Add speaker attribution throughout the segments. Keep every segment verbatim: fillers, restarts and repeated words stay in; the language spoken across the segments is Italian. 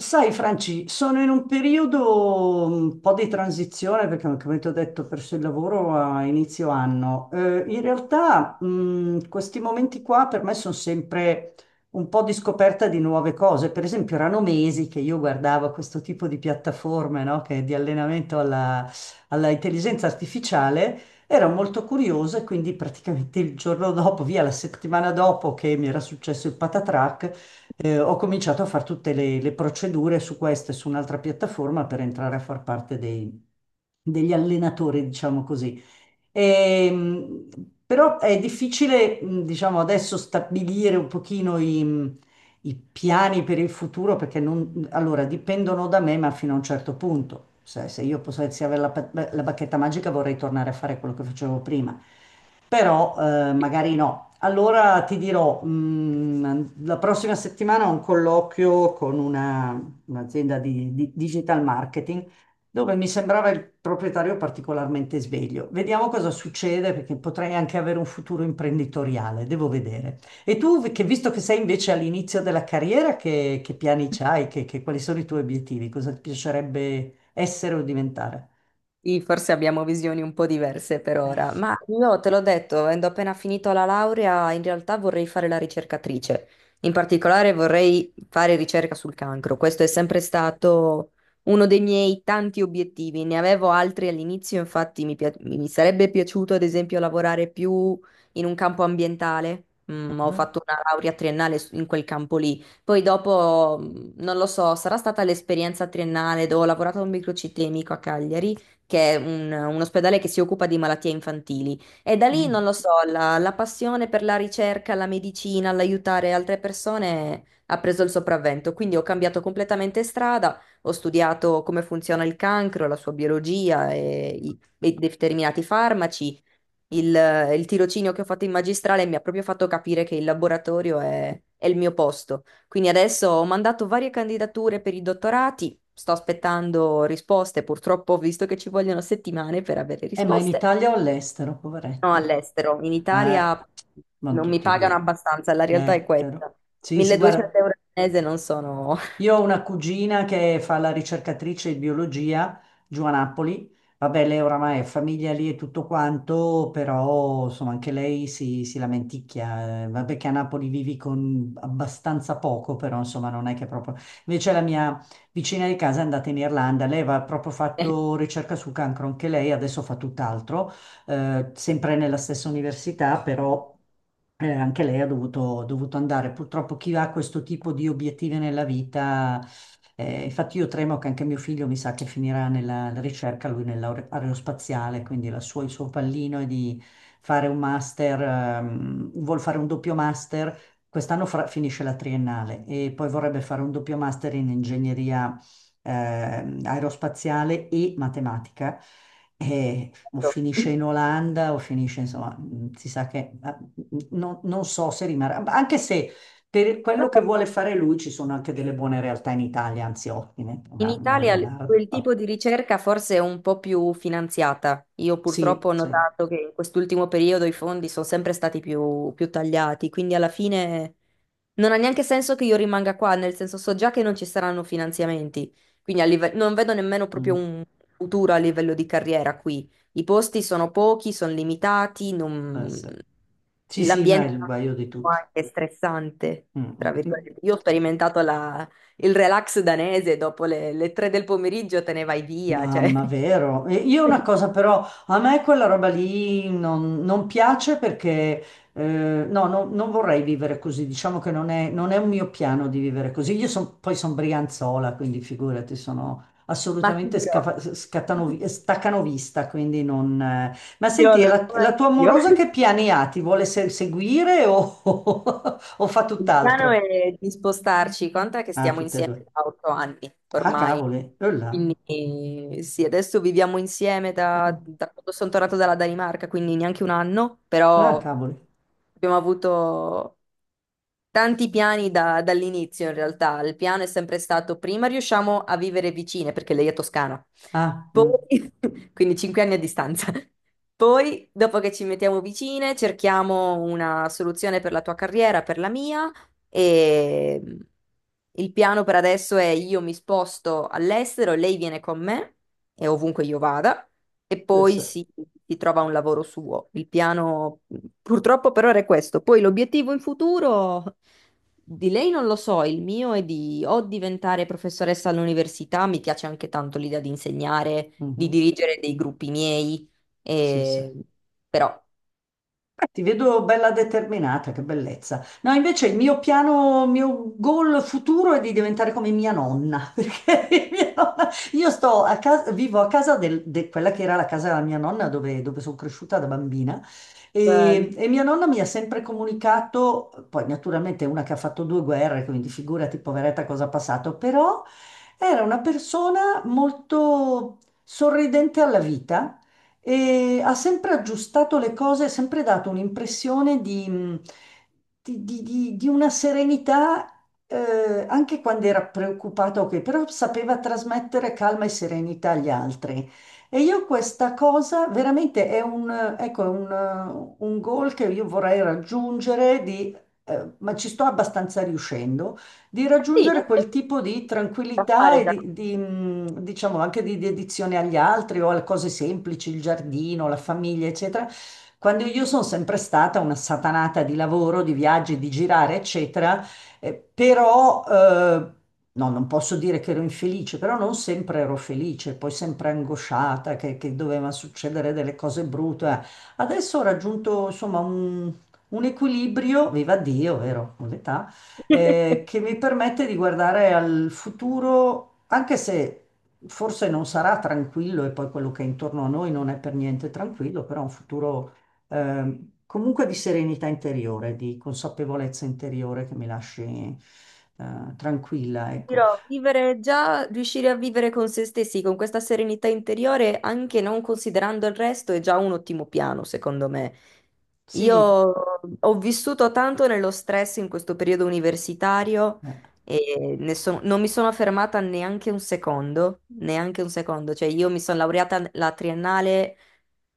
Speaker 1: Sai, Franci, sono in un periodo mm, un po' di transizione perché, come ti ho detto, ho perso il lavoro a inizio anno. Eh, in realtà, mh, questi momenti qua per me sono sempre un po' di scoperta di nuove cose. Per esempio, erano mesi che io guardavo questo tipo di piattaforme, no, che- di allenamento alla, alla intelligenza artificiale. Ero molto curiosa e quindi praticamente il giorno dopo, via la settimana dopo che mi era successo il patatrac, eh, ho cominciato a fare tutte le, le procedure su questa e su un'altra piattaforma per entrare a far parte dei- degli allenatori, diciamo così. Ehm, però è difficile, mh, diciamo, adesso stabilire un pochino i, i piani per il futuro perché non, allora, dipendono da me, ma fino a un certo punto. Se, se io potessi avere la, pa- la bacchetta magica vorrei tornare a fare quello che facevo prima, però eh, magari no. Allora ti dirò, mh, la prossima settimana ho un colloquio con una- un'azienda di, di digital marketing dove mi sembrava il proprietario particolarmente sveglio. Vediamo cosa succede perché potrei anche avere un futuro imprenditoriale, devo vedere. E tu, vi- che visto che sei invece all'inizio della carriera, che, che piani c'hai? Che, che- quali sono i tuoi obiettivi? Cosa ti piacerebbe essere o diventare?
Speaker 2: Sì, forse abbiamo visioni un po' diverse per
Speaker 1: Eh,
Speaker 2: ora,
Speaker 1: sì.
Speaker 2: ma io te l'ho detto, avendo appena finito la laurea, in realtà vorrei fare la ricercatrice. In particolare vorrei fare ricerca sul cancro. Questo è sempre stato uno dei miei tanti obiettivi. Ne avevo altri all'inizio, infatti mi, pia- mi sarebbe piaciuto ad esempio lavorare più in un campo ambientale. Mm, ho
Speaker 1: Mhm,
Speaker 2: fatto una laurea triennale su- in quel campo lì. Poi dopo, mm, non lo so, sarà stata l'esperienza triennale dove ho lavorato a un microcitemico a Cagliari che è un, un ospedale che si occupa di malattie infantili. E da lì,
Speaker 1: mm.
Speaker 2: non lo so, la, la passione per la ricerca, la medicina, l'aiutare altre persone ha preso il sopravvento. Quindi ho cambiato completamente strada, ho studiato come funziona il cancro, la sua biologia e i e determinati farmaci. Il, il tirocinio che ho fatto in magistrale mi ha proprio fatto capire che il laboratorio è, è il mio posto. Quindi adesso ho mandato varie candidature per i dottorati, sto aspettando risposte, purtroppo ho visto che ci vogliono settimane per avere
Speaker 1: Eh, ma in
Speaker 2: risposte.
Speaker 1: Italia o all'estero,
Speaker 2: No,
Speaker 1: poveretta?
Speaker 2: all'estero, in
Speaker 1: Eh,
Speaker 2: Italia
Speaker 1: non
Speaker 2: non mi
Speaker 1: tutti
Speaker 2: pagano
Speaker 1: via.
Speaker 2: abbastanza, la realtà è
Speaker 1: Eh, vero.
Speaker 2: questa.
Speaker 1: Sì, sì,
Speaker 2: 1200
Speaker 1: guarda.
Speaker 2: euro al mese non sono...
Speaker 1: Io ho una cugina che fa la ricercatrice di biologia giù a Napoli. Vabbè, lei oramai è famiglia lì e tutto quanto, però insomma anche lei si, si lamenticchia. Eh, Vabbè che a Napoli vivi con abbastanza poco, però insomma non è che proprio... Invece la mia vicina di casa è andata in Irlanda, lei aveva proprio fatto ricerca sul cancro, anche lei adesso fa tutt'altro, eh, sempre nella stessa università, però eh, anche lei ha dovuto, dovuto andare. Purtroppo chi ha questo tipo di obiettivi nella vita, eh, infatti io tremo che anche mio figlio mi sa che finirà nella ricerca, lui nell'aerospaziale, quindi la sua- il suo pallino è di fare un master, ehm, vuol fare un doppio master, quest'anno fra- finisce la triennale e poi vorrebbe fare un doppio master in ingegneria ehm, aerospaziale e matematica. E o finisce in Olanda o finisce, insomma, mh, si sa che ah, non, non so se rimarrà, ma anche se per quello che
Speaker 2: Vabbè,
Speaker 1: vuole fare lui ci sono anche delle buone realtà in Italia, anzi ottime,
Speaker 2: in
Speaker 1: una, una
Speaker 2: Italia l-
Speaker 1: Leonardo.
Speaker 2: quel
Speaker 1: Vabbè.
Speaker 2: tipo di ricerca forse è un po' più finanziata. Io purtroppo
Speaker 1: Sì,
Speaker 2: ho
Speaker 1: sì,
Speaker 2: notato che in quest'ultimo periodo i fondi sono sempre stati più, più tagliati, quindi alla fine non ha neanche senso che io rimanga qua, nel senso so già che non ci saranno finanziamenti, quindi a live- non vedo nemmeno proprio
Speaker 1: mm,
Speaker 2: un futuro a livello di carriera qui. I posti sono pochi, sono limitati,
Speaker 1: può
Speaker 2: non,
Speaker 1: essere. Sì, sì, ma
Speaker 2: l'ambiente
Speaker 1: è
Speaker 2: è
Speaker 1: il guaio di tutti.
Speaker 2: anche stressante,
Speaker 1: Mm,
Speaker 2: tra
Speaker 1: mm, mm.
Speaker 2: virgolette. Io ho sperimentato la il relax danese dopo le, le tre del pomeriggio te ne vai via, cioè.
Speaker 1: Mamma, vero. E io una cosa però, a me quella roba lì non, non piace perché eh, no, no- non vorrei vivere così, diciamo che non è, non è un mio piano di vivere così. Io son- poi sono brianzola, quindi figurati, sono
Speaker 2: Ma ti
Speaker 1: assolutamente scafa-
Speaker 2: dirò, ti
Speaker 1: scattanovi- staccanovista, quindi non... eh. Ma
Speaker 2: dirò,
Speaker 1: senti, e
Speaker 2: lo
Speaker 1: la,
Speaker 2: so
Speaker 1: la tua
Speaker 2: anch'io.
Speaker 1: amorosa che piani ha? Ti vuole se- seguire o, o fa
Speaker 2: Il piano
Speaker 1: tutt'altro?
Speaker 2: è di spostarci, conta che
Speaker 1: Ah,
Speaker 2: stiamo
Speaker 1: tutte e
Speaker 2: insieme
Speaker 1: due.
Speaker 2: da otto anni
Speaker 1: Ah,
Speaker 2: ormai,
Speaker 1: cavoli. Eh là.
Speaker 2: quindi eh, sì, adesso viviamo insieme da,
Speaker 1: Ah,
Speaker 2: da quando sono tornato dalla Danimarca, quindi neanche un anno,
Speaker 1: ah,
Speaker 2: però
Speaker 1: cavoli.
Speaker 2: abbiamo avuto tanti piani da- dall'inizio in realtà, il piano è sempre stato prima riusciamo a vivere vicine perché lei è toscana,
Speaker 1: Ah, mm.
Speaker 2: poi quindi cinque anni a distanza, poi dopo che ci mettiamo vicine cerchiamo una soluzione per la tua carriera, per la mia e il piano per adesso è io mi sposto all'estero, lei viene con me e ovunque io vada. E
Speaker 1: Sì,
Speaker 2: poi
Speaker 1: sì.
Speaker 2: si, si trova un lavoro suo. Il piano mh, purtroppo per ora è questo. Poi l'obiettivo in futuro di lei non lo so, il mio è di o diventare professoressa all'università, mi piace anche tanto l'idea di insegnare, di
Speaker 1: Mhm.
Speaker 2: dirigere dei gruppi miei,
Speaker 1: Sì, sì.
Speaker 2: e- però
Speaker 1: Beh, ti vedo bella determinata, che bellezza. No, invece il mio piano, il mio goal futuro è di diventare come mia nonna, perché mia nonna- io sto a casa, vivo a casa del- de quella che era la casa della mia nonna dove, dove sono cresciuta da bambina
Speaker 2: bello.
Speaker 1: e, e mia nonna mi ha sempre comunicato, poi naturalmente è una che ha fatto due guerre, quindi figurati poveretta cosa ha passato, però era una persona molto sorridente alla vita e ha sempre aggiustato le cose, ha sempre dato un'impressione di, mh, di- di- di- di una serenità, eh, anche quando era preoccupato, ok, però sapeva trasmettere calma e serenità agli altri. E io questa cosa veramente è un, eh, ecco, è un, eh, un goal che io vorrei raggiungere, di, eh, ma ci sto abbastanza riuscendo di
Speaker 2: Sì, in
Speaker 1: raggiungere quel
Speaker 2: effetti si
Speaker 1: tipo di
Speaker 2: può
Speaker 1: tranquillità
Speaker 2: fare
Speaker 1: e
Speaker 2: già.
Speaker 1: di, di, mh, diciamo anche di dedizione agli altri o alle cose semplici, il giardino, la famiglia, eccetera. Quando io sono sempre stata una satanata di lavoro, di viaggi, di girare, eccetera, eh, però eh, no, non posso dire che ero infelice, però non sempre ero felice, poi sempre angosciata che, che doveva succedere delle cose brutte. Eh. Adesso ho raggiunto insomma un, un equilibrio, viva Dio, vero? Con l'età eh, che mi permette di guardare al futuro, anche se forse non sarà tranquillo e poi quello che è intorno a noi non è per niente tranquillo, però un futuro ehm, comunque di serenità interiore, di consapevolezza interiore che mi lasci eh, tranquilla, ecco.
Speaker 2: Dirò, vivere già, riuscire a vivere con se stessi, con questa serenità interiore, anche non considerando il resto, è già un ottimo piano, secondo me. Io
Speaker 1: Sì,
Speaker 2: ho vissuto tanto nello stress in questo periodo universitario
Speaker 1: eh,
Speaker 2: e ne sono- non mi sono fermata neanche un secondo, neanche un secondo. Cioè, io mi sono laureata la triennale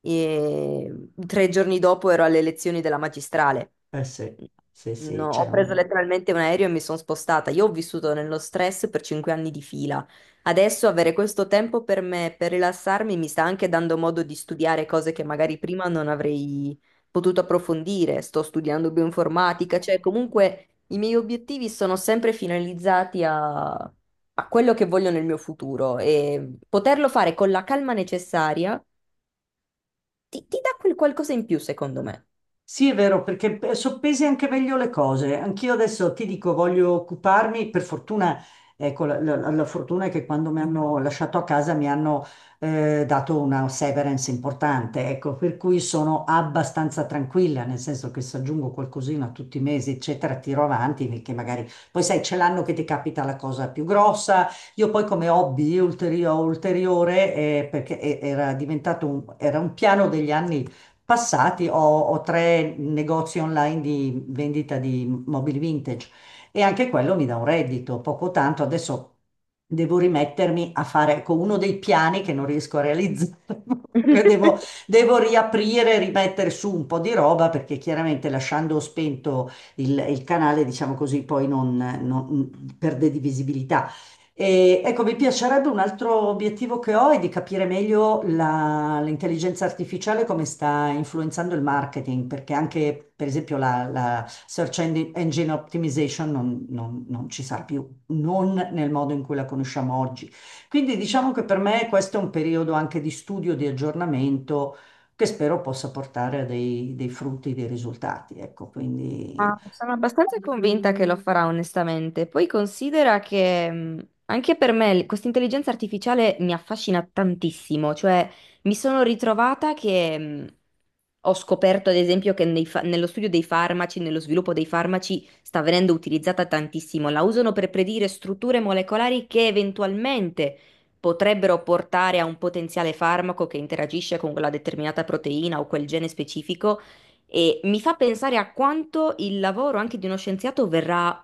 Speaker 2: e tre giorni dopo ero alle lezioni della magistrale.
Speaker 1: eh sì, sì, sì,
Speaker 2: No,
Speaker 1: c'è
Speaker 2: ho preso
Speaker 1: un...
Speaker 2: letteralmente un aereo e mi sono spostata. Io ho vissuto nello stress per cinque anni di fila. Adesso avere questo tempo per me, per rilassarmi, mi sta anche dando modo di studiare cose che magari prima non avrei potuto approfondire. Sto studiando bioinformatica, cioè comunque i miei obiettivi sono sempre finalizzati a, a quello che voglio nel mio futuro e poterlo fare con la calma necessaria ti, ti dà quel qualcosa in più, secondo me.
Speaker 1: Sì, è vero, perché eh, soppesi anche meglio le cose. Anch'io adesso ti dico, voglio occuparmi, per fortuna, ecco, la, la- la fortuna è che quando mi hanno lasciato a casa mi hanno eh, dato una severance importante, ecco, per cui sono abbastanza tranquilla, nel senso che se aggiungo qualcosina tutti i mesi, eccetera, tiro avanti, perché magari poi sai, c'è l'anno che ti capita la cosa più grossa. Io poi come hobby ulterio- ulteriore, eh, perché e- era diventato un, era un piano degli anni passati ho, ho tre negozi online di vendita di mobili vintage e anche quello mi dà un reddito, poco tanto. Adesso devo rimettermi a fare, ecco, uno dei piani che non riesco a realizzare. Che devo, devo riaprire, rimettere su un po' di roba perché chiaramente lasciando spento il, il canale, diciamo così, poi non, non- perde di visibilità. E, ecco, mi piacerebbe un altro obiettivo che ho è di capire meglio la- l'intelligenza artificiale come sta influenzando il marketing, perché anche, per esempio, la, la search engine engine optimization non, non- non ci sarà più, non nel modo in cui la conosciamo oggi. Quindi diciamo che per me questo è un periodo anche di studio, di aggiornamento, che spero possa portare a dei, dei frutti, dei risultati. Ecco, quindi
Speaker 2: Ma sono abbastanza convinta che lo farà, onestamente. Poi considera che mh, anche per me l- questa intelligenza artificiale mi affascina tantissimo, cioè mi sono ritrovata che mh, ho scoperto, ad esempio, che nei fa- nello studio dei farmaci, nello sviluppo dei farmaci, sta venendo utilizzata tantissimo. La usano per predire strutture molecolari che eventualmente potrebbero portare a un potenziale farmaco che interagisce con quella determinata proteina o quel gene specifico e mi fa pensare a quanto il lavoro anche di uno scienziato verrà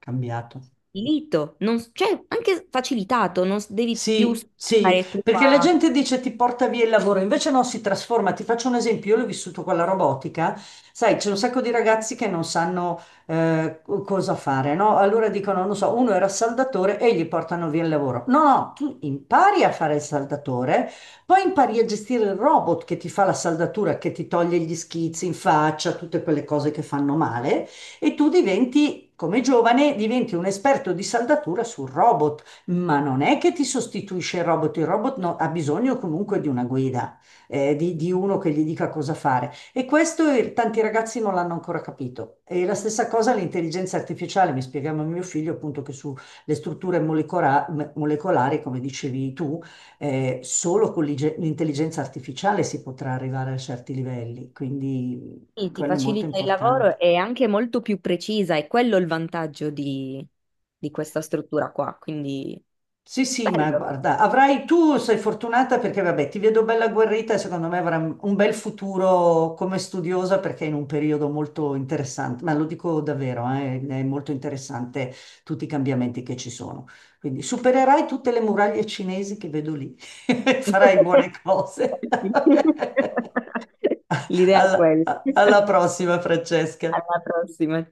Speaker 1: cambiato.
Speaker 2: facilito, non, s- cioè anche facilitato, non s- devi più
Speaker 1: Sì, sì,
Speaker 2: stare tu
Speaker 1: perché la
Speaker 2: a...
Speaker 1: gente dice ti porta via il lavoro, invece no, si trasforma. Ti faccio un esempio, io l'ho vissuto con la robotica, sai, c'è un sacco di ragazzi che non sanno eh, co- cosa fare, no? Allora dicono, non so, uno era saldatore e gli portano via il lavoro. No, no, tu impari a fare il saldatore, poi impari a gestire il robot che ti fa la saldatura, che ti toglie gli schizzi in faccia, tutte quelle cose che fanno male, e tu diventi, come giovane, diventi un esperto di saldatura sul robot ma non è che ti sostituisce il robot, il robot no- ha bisogno comunque di una guida, eh, di, di uno che gli dica cosa fare. E questo eh, tanti ragazzi non l'hanno ancora capito. E la stessa cosa l'intelligenza artificiale, mi spiegava mio figlio appunto che sulle strutture molecora- me- molecolari, come dicevi tu, eh, solo con l'ige- l'intelligenza artificiale si potrà arrivare a certi livelli, quindi
Speaker 2: Sì, ti
Speaker 1: quello è molto
Speaker 2: facilita il
Speaker 1: importante.
Speaker 2: lavoro e è anche molto più precisa, è quello il vantaggio di, di questa struttura qua, quindi
Speaker 1: Sì, sì,
Speaker 2: bello.
Speaker 1: ma guarda, avrai tu sei fortunata perché vabbè, ti vedo bella agguerrita e secondo me avrai un bel futuro come studiosa perché è in un periodo molto interessante, ma lo dico davvero, eh, è molto interessante tutti i cambiamenti che ci sono. Quindi supererai tutte le muraglie cinesi che vedo lì, farai buone cose.
Speaker 2: Sì. L'idea è
Speaker 1: alla
Speaker 2: quella.
Speaker 1: Alla prossima, Francesca.
Speaker 2: Alla prossima.